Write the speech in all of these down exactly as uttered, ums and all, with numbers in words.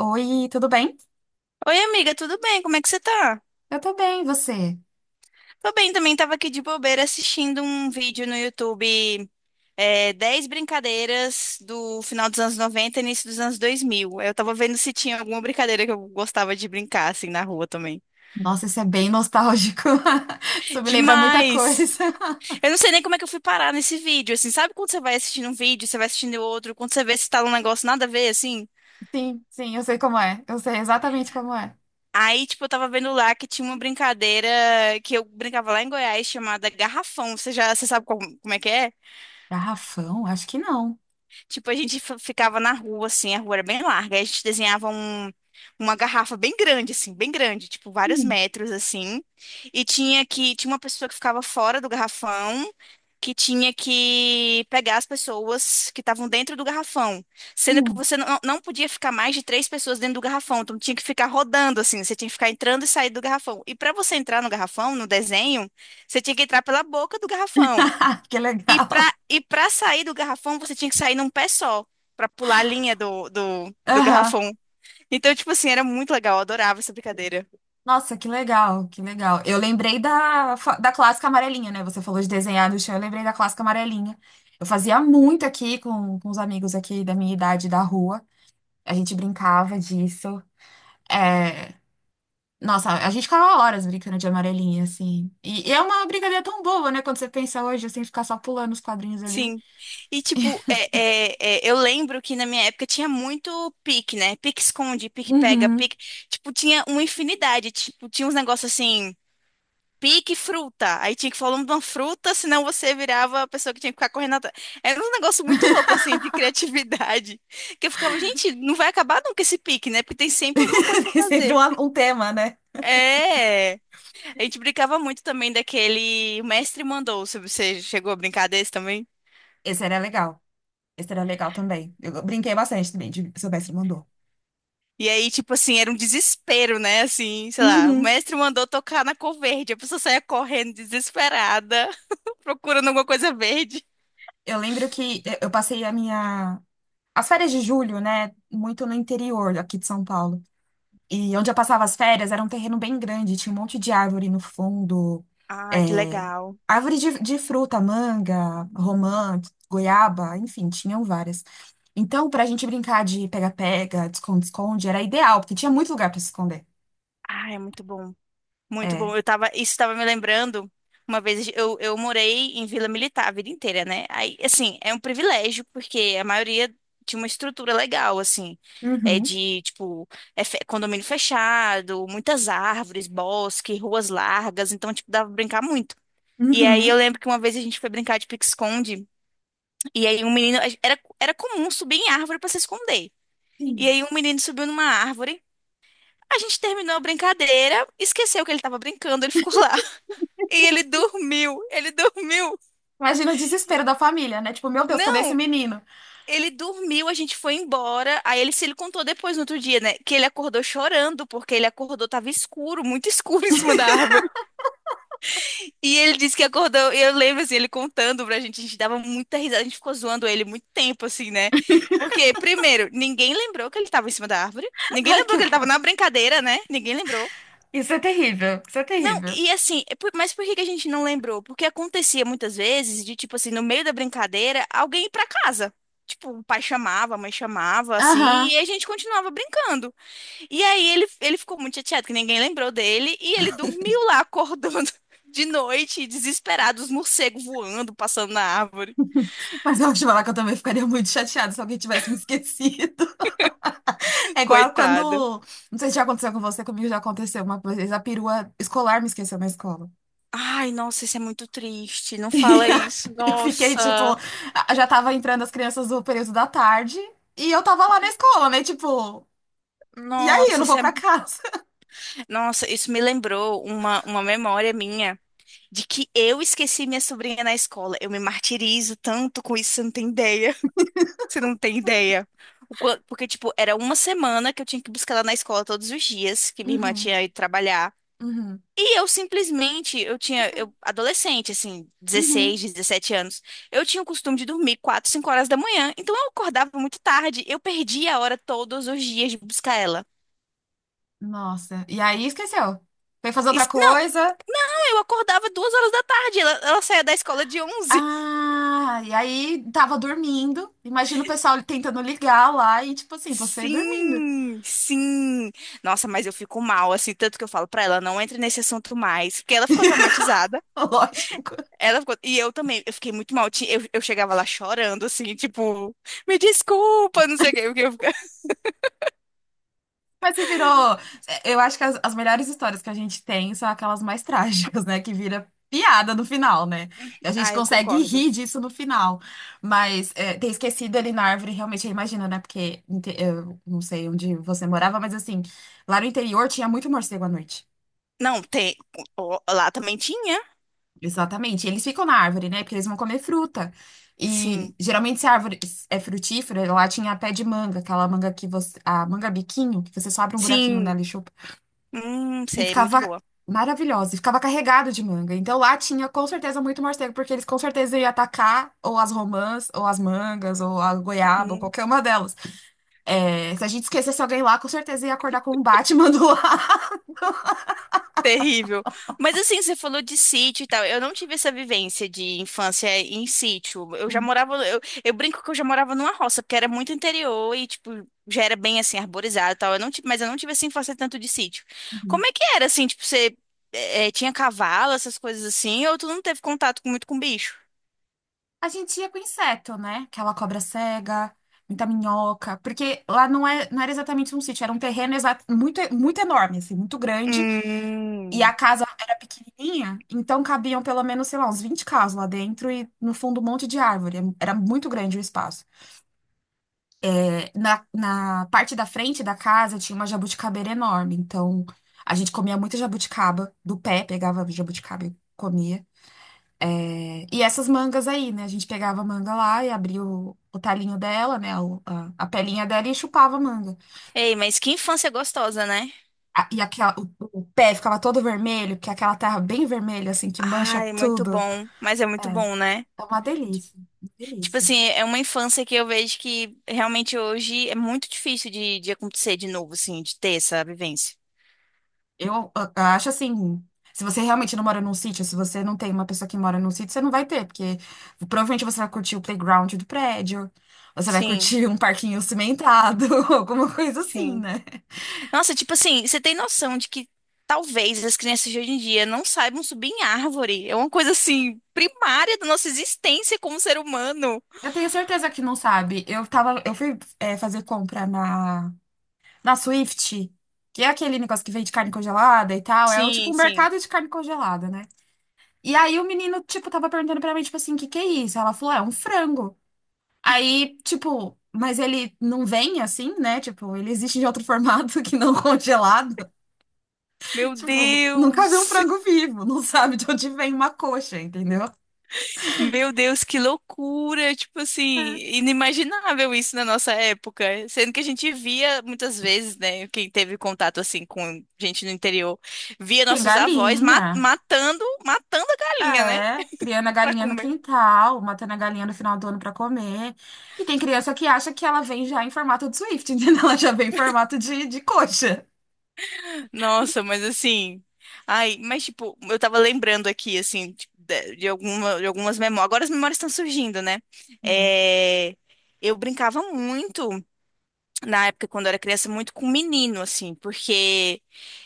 Oi, tudo bem? Oi, amiga, tudo bem? Como é que você tá? Eu tô bem, e você? Tô bem também, tava aqui de bobeira assistindo um vídeo no YouTube, é, dez brincadeiras do final dos anos noventa e início dos anos dois mil. Eu tava vendo se tinha alguma brincadeira que eu gostava de brincar, assim, na rua também. Nossa, isso é bem nostálgico. Isso me lembra muita Demais! coisa. Eu não sei nem como é que eu fui parar nesse vídeo, assim, sabe quando você vai assistindo um vídeo, você vai assistindo outro, quando você vê se tá num negócio nada a ver, assim? Sim, sim, eu sei como é. Eu sei exatamente como é. Aí, tipo, eu tava vendo lá que tinha uma brincadeira que eu brincava lá em Goiás chamada Garrafão. Você já, você sabe como como é que é? Garrafão? Acho que não. Tipo, a gente f- ficava na rua, assim, a rua era bem larga. Aí a gente desenhava um- uma garrafa bem grande, assim, bem grande, tipo, vários Hum, metros, assim. E tinha que, tinha uma pessoa que ficava fora do garrafão, que tinha que pegar as pessoas que estavam dentro do garrafão. Sendo que hum. você não, não podia ficar mais de três pessoas dentro do garrafão. Então tinha que ficar rodando, assim, você tinha que ficar entrando e saindo do garrafão. E para você entrar no garrafão, no desenho, você tinha que entrar pela boca do garrafão. Que E legal. para e para sair do garrafão, você tinha que sair num pé só, para pular a linha do, do, do Aham. garrafão. Então, tipo assim, era muito legal, eu adorava essa brincadeira. Nossa, que legal, que legal. Eu lembrei da, fa- da clássica amarelinha, né? Você falou de desenhar no chão, eu lembrei da clássica amarelinha. Eu fazia muito aqui com, com os amigos aqui da minha idade da rua. A gente brincava disso. É. Nossa, a gente ficava horas brincando de amarelinha, assim. E, e é uma brincadeira tão boa, né? Quando você pensa hoje, assim, ficar só pulando os quadrinhos ali. Sim. E, tipo, é, é, é, eu lembro que na minha época tinha muito pique, né? Pique esconde, pique pega, Uhum. pique. Tipo, tinha uma infinidade. Tipo, tinha uns negócios assim. Pique fruta. Aí tinha que falar o nome de uma fruta, senão você virava a pessoa que tinha que ficar correndo atrás. Era um negócio muito louco, assim, de criatividade. Que eu ficava, gente, não vai acabar nunca esse pique, né? Porque tem sempre alguma coisa pra Tem sempre fazer. um, um tema, né? É. A gente brincava muito também daquele. O mestre mandou. Se você chegou a brincar desse também? Esse era legal. Esse era legal também. Eu brinquei bastante também, de seu mestre mandou. E aí, tipo assim, era um desespero, né? Assim, sei lá, o Uhum. mestre mandou tocar na cor verde. A pessoa saía correndo desesperada, procurando alguma coisa verde. Eu lembro que eu eu passei a minha. As férias de julho, né? Muito no interior aqui de São Paulo. E onde eu passava as férias era um terreno bem grande, tinha um monte de árvore no fundo, Ai, que é, legal. árvore de, de fruta, manga, romã, goiaba, enfim, tinham várias. Então, pra gente brincar de pega-pega, esconde-esconde, era ideal, porque tinha muito lugar pra se esconder. Ai, é muito bom. Muito É. bom. Eu tava, isso estava me lembrando. Uma vez eu, eu morei em Vila Militar a vida inteira, né? Aí, assim, é um privilégio, porque a maioria tinha uma estrutura legal, assim. É Uhum. de, tipo, é fe- condomínio fechado, muitas árvores, bosque, ruas largas. Então, tipo, dava pra brincar muito. E aí eu Uhum. lembro que uma vez a gente foi brincar de pique-esconde. E aí um menino. Era, era comum subir em árvore pra se esconder. E Sim. aí um menino subiu numa árvore. A gente terminou a brincadeira, esqueceu que ele tava brincando, ele ficou lá. E ele dormiu, ele dormiu. Imagina o desespero da família, né? Tipo, meu Deus, cadê esse Não, menino? ele dormiu, a gente foi embora. Aí ele se ele contou depois no outro dia, né? Que ele acordou chorando, porque ele acordou, tava escuro, muito escuro em cima da árvore. E ele disse que acordou, e eu lembro assim, ele contando pra gente, a gente dava muita risada, a gente ficou zoando ele muito tempo, assim, né? Porque, primeiro, ninguém lembrou que ele tava em cima da árvore. Ninguém Ai, lembrou que que ele tava na horror. brincadeira, né? Ninguém lembrou. Isso é terrível, isso é Não, terrível. e assim, é por- mas por que que a gente não lembrou? Porque acontecia muitas vezes de, tipo assim, no meio da brincadeira, alguém ir pra casa. Tipo, o pai chamava, a mãe chamava, assim, Aham. e a gente continuava brincando. E aí ele, ele ficou muito chateado que ninguém lembrou dele, e ele dormiu lá acordando de noite, desesperado, os morcegos voando, passando na árvore. Mas eu acho que eu também ficaria muito chateada se alguém tivesse me esquecido. É igual quando. Coitado. Não sei se já aconteceu com você, comigo já aconteceu uma vez. A perua escolar me esqueceu na escola. Ai, nossa, isso é muito triste. Não fala isso. E eu fiquei, tipo, Nossa. a- já tava entrando as crianças do período da tarde e eu tava lá na escola, né? Tipo, e aí, eu Nossa, não vou isso é... pra casa. Nossa, isso me lembrou uma, uma memória minha, de que eu esqueci minha sobrinha na escola. Eu me martirizo tanto com isso, você não tem ideia. Você não tem ideia. O quan- Porque, tipo, era uma semana que eu tinha que buscar ela na escola todos os dias, que minha irmã Uhum, tinha ido trabalhar. uhum. E eu simplesmente, eu tinha, Esqueceu. eu, adolescente, assim, dezesseis Uhum. dezessete anos, eu tinha o costume de dormir quatro cinco horas da manhã, então eu acordava muito tarde, eu perdia a hora todos os dias de buscar ela. Nossa. E aí esqueceu. Foi fazer outra Isso- não, coisa. eu acordava duas horas da tarde, ela, ela saía da escola de onze. Ah, e aí tava dormindo. Imagina o pessoal tentando ligar lá e, tipo assim, você dormindo. Sim, sim. Nossa, mas eu fico mal, assim, tanto que eu falo pra ela, não entre nesse assunto mais, porque ela ficou traumatizada. Lógico. Ela ficou... E eu também, eu fiquei muito mal. ti- Eu, eu chegava lá chorando, assim, tipo, me desculpa, não sei o que porque eu fica- Mas se virou. é, Eu acho que as, as melhores histórias que a gente tem são aquelas mais trágicas, né? Que vira piada no final, né? Que a gente Ah, eu consegue concordo. rir disso no final. Mas é, ter esquecido ele na árvore, realmente, eu imagino, né? Porque inte- eu não sei onde você morava, mas assim, lá no interior tinha muito morcego à noite. Não, tem. o- o- Lá também tinha. Exatamente. Eles ficam na árvore, né? Porque eles vão comer fruta. E Sim, geralmente, se a árvore é frutífera, lá tinha pé de manga, aquela manga que você. A manga biquinho, que você só abre um buraquinho sim. nela e Hum, E sei, muito ficava boa. maravilhosa, e ficava carregado de manga. Então lá tinha com certeza muito morcego, porque eles com certeza iam atacar ou as romãs, ou as mangas, ou a goiaba, ou Hum. qualquer uma delas. É, se a gente esquecesse alguém lá, com certeza ia acordar com um Batman do lado. Terrível. Mas assim, você falou de sítio e tal. Eu não tive essa vivência de infância em sítio. Eu já morava, eu, eu brinco que eu já morava numa roça, porque era muito interior e, tipo, já era bem assim, arborizado e tal. Eu não tive, mas eu não tive essa infância tanto de sítio. Uhum. Como é que era, assim, tipo, você eh, eh, tinha cavalo, essas coisas assim, ou tu não teve contato com- muito com bicho? A gente ia com inseto, né? Aquela cobra cega, muita minhoca, porque lá não, é, não era exatamente um sítio, era um terreno exa- muito, muito enorme, assim, muito grande. E a Hum. casa era pequenininha, então cabiam pelo menos, sei lá, uns vinte carros lá dentro e no fundo um monte de árvore. Era muito grande o espaço. É. Na, na parte da frente da casa tinha uma jabuticabeira enorme, então a gente comia muita jabuticaba do pé, pegava jabuticaba e comia. É. E essas mangas aí, né? A gente pegava a manga lá e abria o, o talinho dela, né? o- a, a pelinha dela e chupava a manga. Ei, mas que infância gostosa, né? A- E aquela, o, o pé ficava todo vermelho, porque é aquela terra bem vermelha, assim, que mancha Ai, muito tudo. bom. Mas é muito É. bom, né? É uma delícia, uma Tipo delícia. assim, é uma infância que eu vejo que realmente hoje é muito difícil de, de acontecer de novo, assim, de ter essa vivência. Eu, a- acho assim, se você realmente não mora num sítio, se você não tem uma pessoa que mora num sítio, você não vai ter, porque provavelmente você vai curtir o playground do prédio, você vai Sim, curtir um parquinho cimentado, alguma coisa assim, sim. né? Nossa, tipo assim, você tem noção de que talvez as crianças de hoje em dia não saibam subir em árvore? É uma coisa assim, primária da nossa existência como ser humano. Eu tenho certeza que não sabe. Eu tava, eu fui, é, fazer compra na, na, Swift, que é aquele negócio que vende carne congelada e tal. É o tipo Sim, um sim. mercado de carne congelada, né? E aí o menino, tipo, tava perguntando pra mim, tipo assim, o que que é isso? Ela falou, é um frango. Aí, tipo, mas ele não vem assim, né? Tipo, ele existe de outro formato que não congelado. Meu Tipo, nunca viu um frango Deus! vivo, não sabe de onde vem uma coxa, entendeu? Meu Deus, que loucura! Tipo assim, É. inimaginável isso na nossa época. Sendo que a gente via muitas vezes, né? Quem teve contato assim com gente no interior, via Tem nossos avós ma- galinha. matando, matando a galinha, né? É, criando a Pra galinha no comer. quintal, matando a galinha no final do ano pra comer. E tem criança que acha que ela vem já em formato de Swift, entendeu? Ela já vem em formato de, de coxa. Nossa, mas assim. Ai, mas tipo, eu tava lembrando aqui, assim, tipo, de, de alguma, de algumas memórias. Agora as memórias estão surgindo, né? É, eu brincava muito, na época, quando eu era criança, muito com menino, assim, porque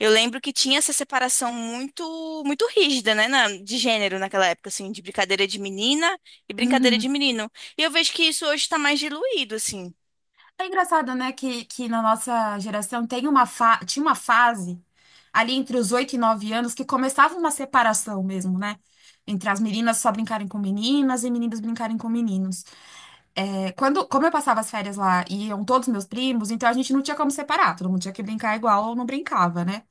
eu lembro que tinha essa separação muito, muito rígida, né, na- de gênero naquela época, assim, de brincadeira de menina e brincadeira de Uhum. menino. E eu vejo que isso hoje tá mais diluído, assim. É engraçado, né, que, que na nossa geração tem uma fa... tinha uma fase ali entre os oito e nove anos que começava uma separação mesmo, né? Entre as meninas só brincarem com meninas e meninos brincarem com meninos. É, quando, como eu passava as férias lá e iam todos meus primos, então a gente não tinha como separar, todo mundo tinha que brincar igual ou não brincava, né?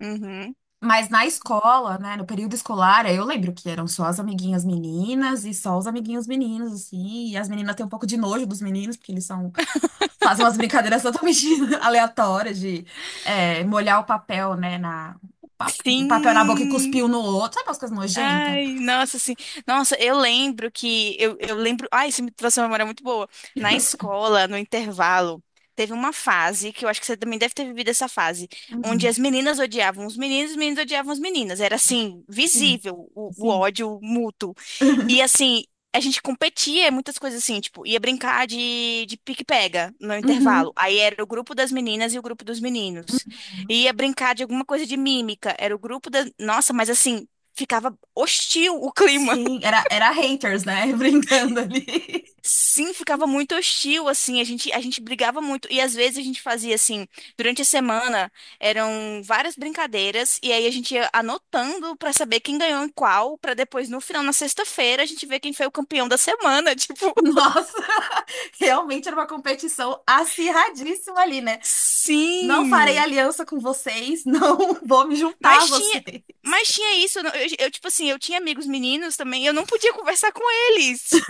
Uhum. Mas na escola, né, no período escolar, eu lembro que eram só as amiguinhas meninas e só os amiguinhos meninos, assim, e as meninas têm um pouco de nojo dos meninos, porque eles são faz umas brincadeiras totalmente aleatórias de é, molhar o papel, né, na, o papel na boca e Sim. cuspir um no outro. Sabe aquelas coisas nojentas? Ai, nossa, assim, nossa, eu lembro que, eu, eu lembro, ai, isso me trouxe uma memória muito boa. Na escola, no intervalo, teve uma fase, que eu acho que você também deve ter vivido essa fase, onde Uhum. as meninas odiavam os meninos, os meninos odiavam as meninas, era assim, Sim, visível o, o sim. ódio mútuo. E assim, a gente competia em muitas coisas assim, tipo, ia brincar de, de pique-pega no intervalo. Uhum. Aí era o grupo das meninas e o grupo dos meninos. Ia brincar de alguma coisa de mímica, era o grupo da... Nossa, mas assim, ficava hostil o clima. Sim, era, era haters, né? Brincando ali. Sim, ficava muito hostil, assim, a gente, a gente brigava muito. E às vezes a gente fazia assim, durante a semana eram várias brincadeiras, e aí a gente ia anotando pra saber quem ganhou em qual, pra depois, no final, na sexta-feira, a gente ver quem foi o campeão da semana. Tipo, Nossa, realmente era uma competição acirradíssima ali, né? Não farei sim. aliança com vocês, não vou me juntar a Mas tinha. vocês. Mas tinha isso, eu, não- eu, eu, tipo assim, eu tinha amigos meninos também, e eu não podia conversar com eles.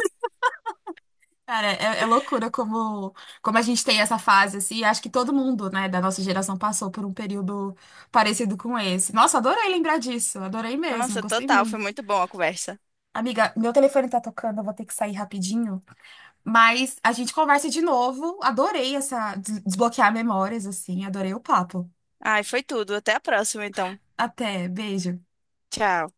Cara, é, é loucura como, como a gente tem essa fase, assim. Acho que todo mundo, né, da nossa geração passou por um período parecido com esse. Nossa, adorei lembrar disso. Adorei mesmo. Nossa, Gostei total, foi muito. muito bom a conversa. Amiga, meu telefone tá tocando, eu vou ter que sair rapidinho. Mas a gente conversa de novo. Adorei essa des- desbloquear memórias, assim. Adorei o papo. Ai, foi tudo. Até a próxima, então. Até, beijo. Tchau.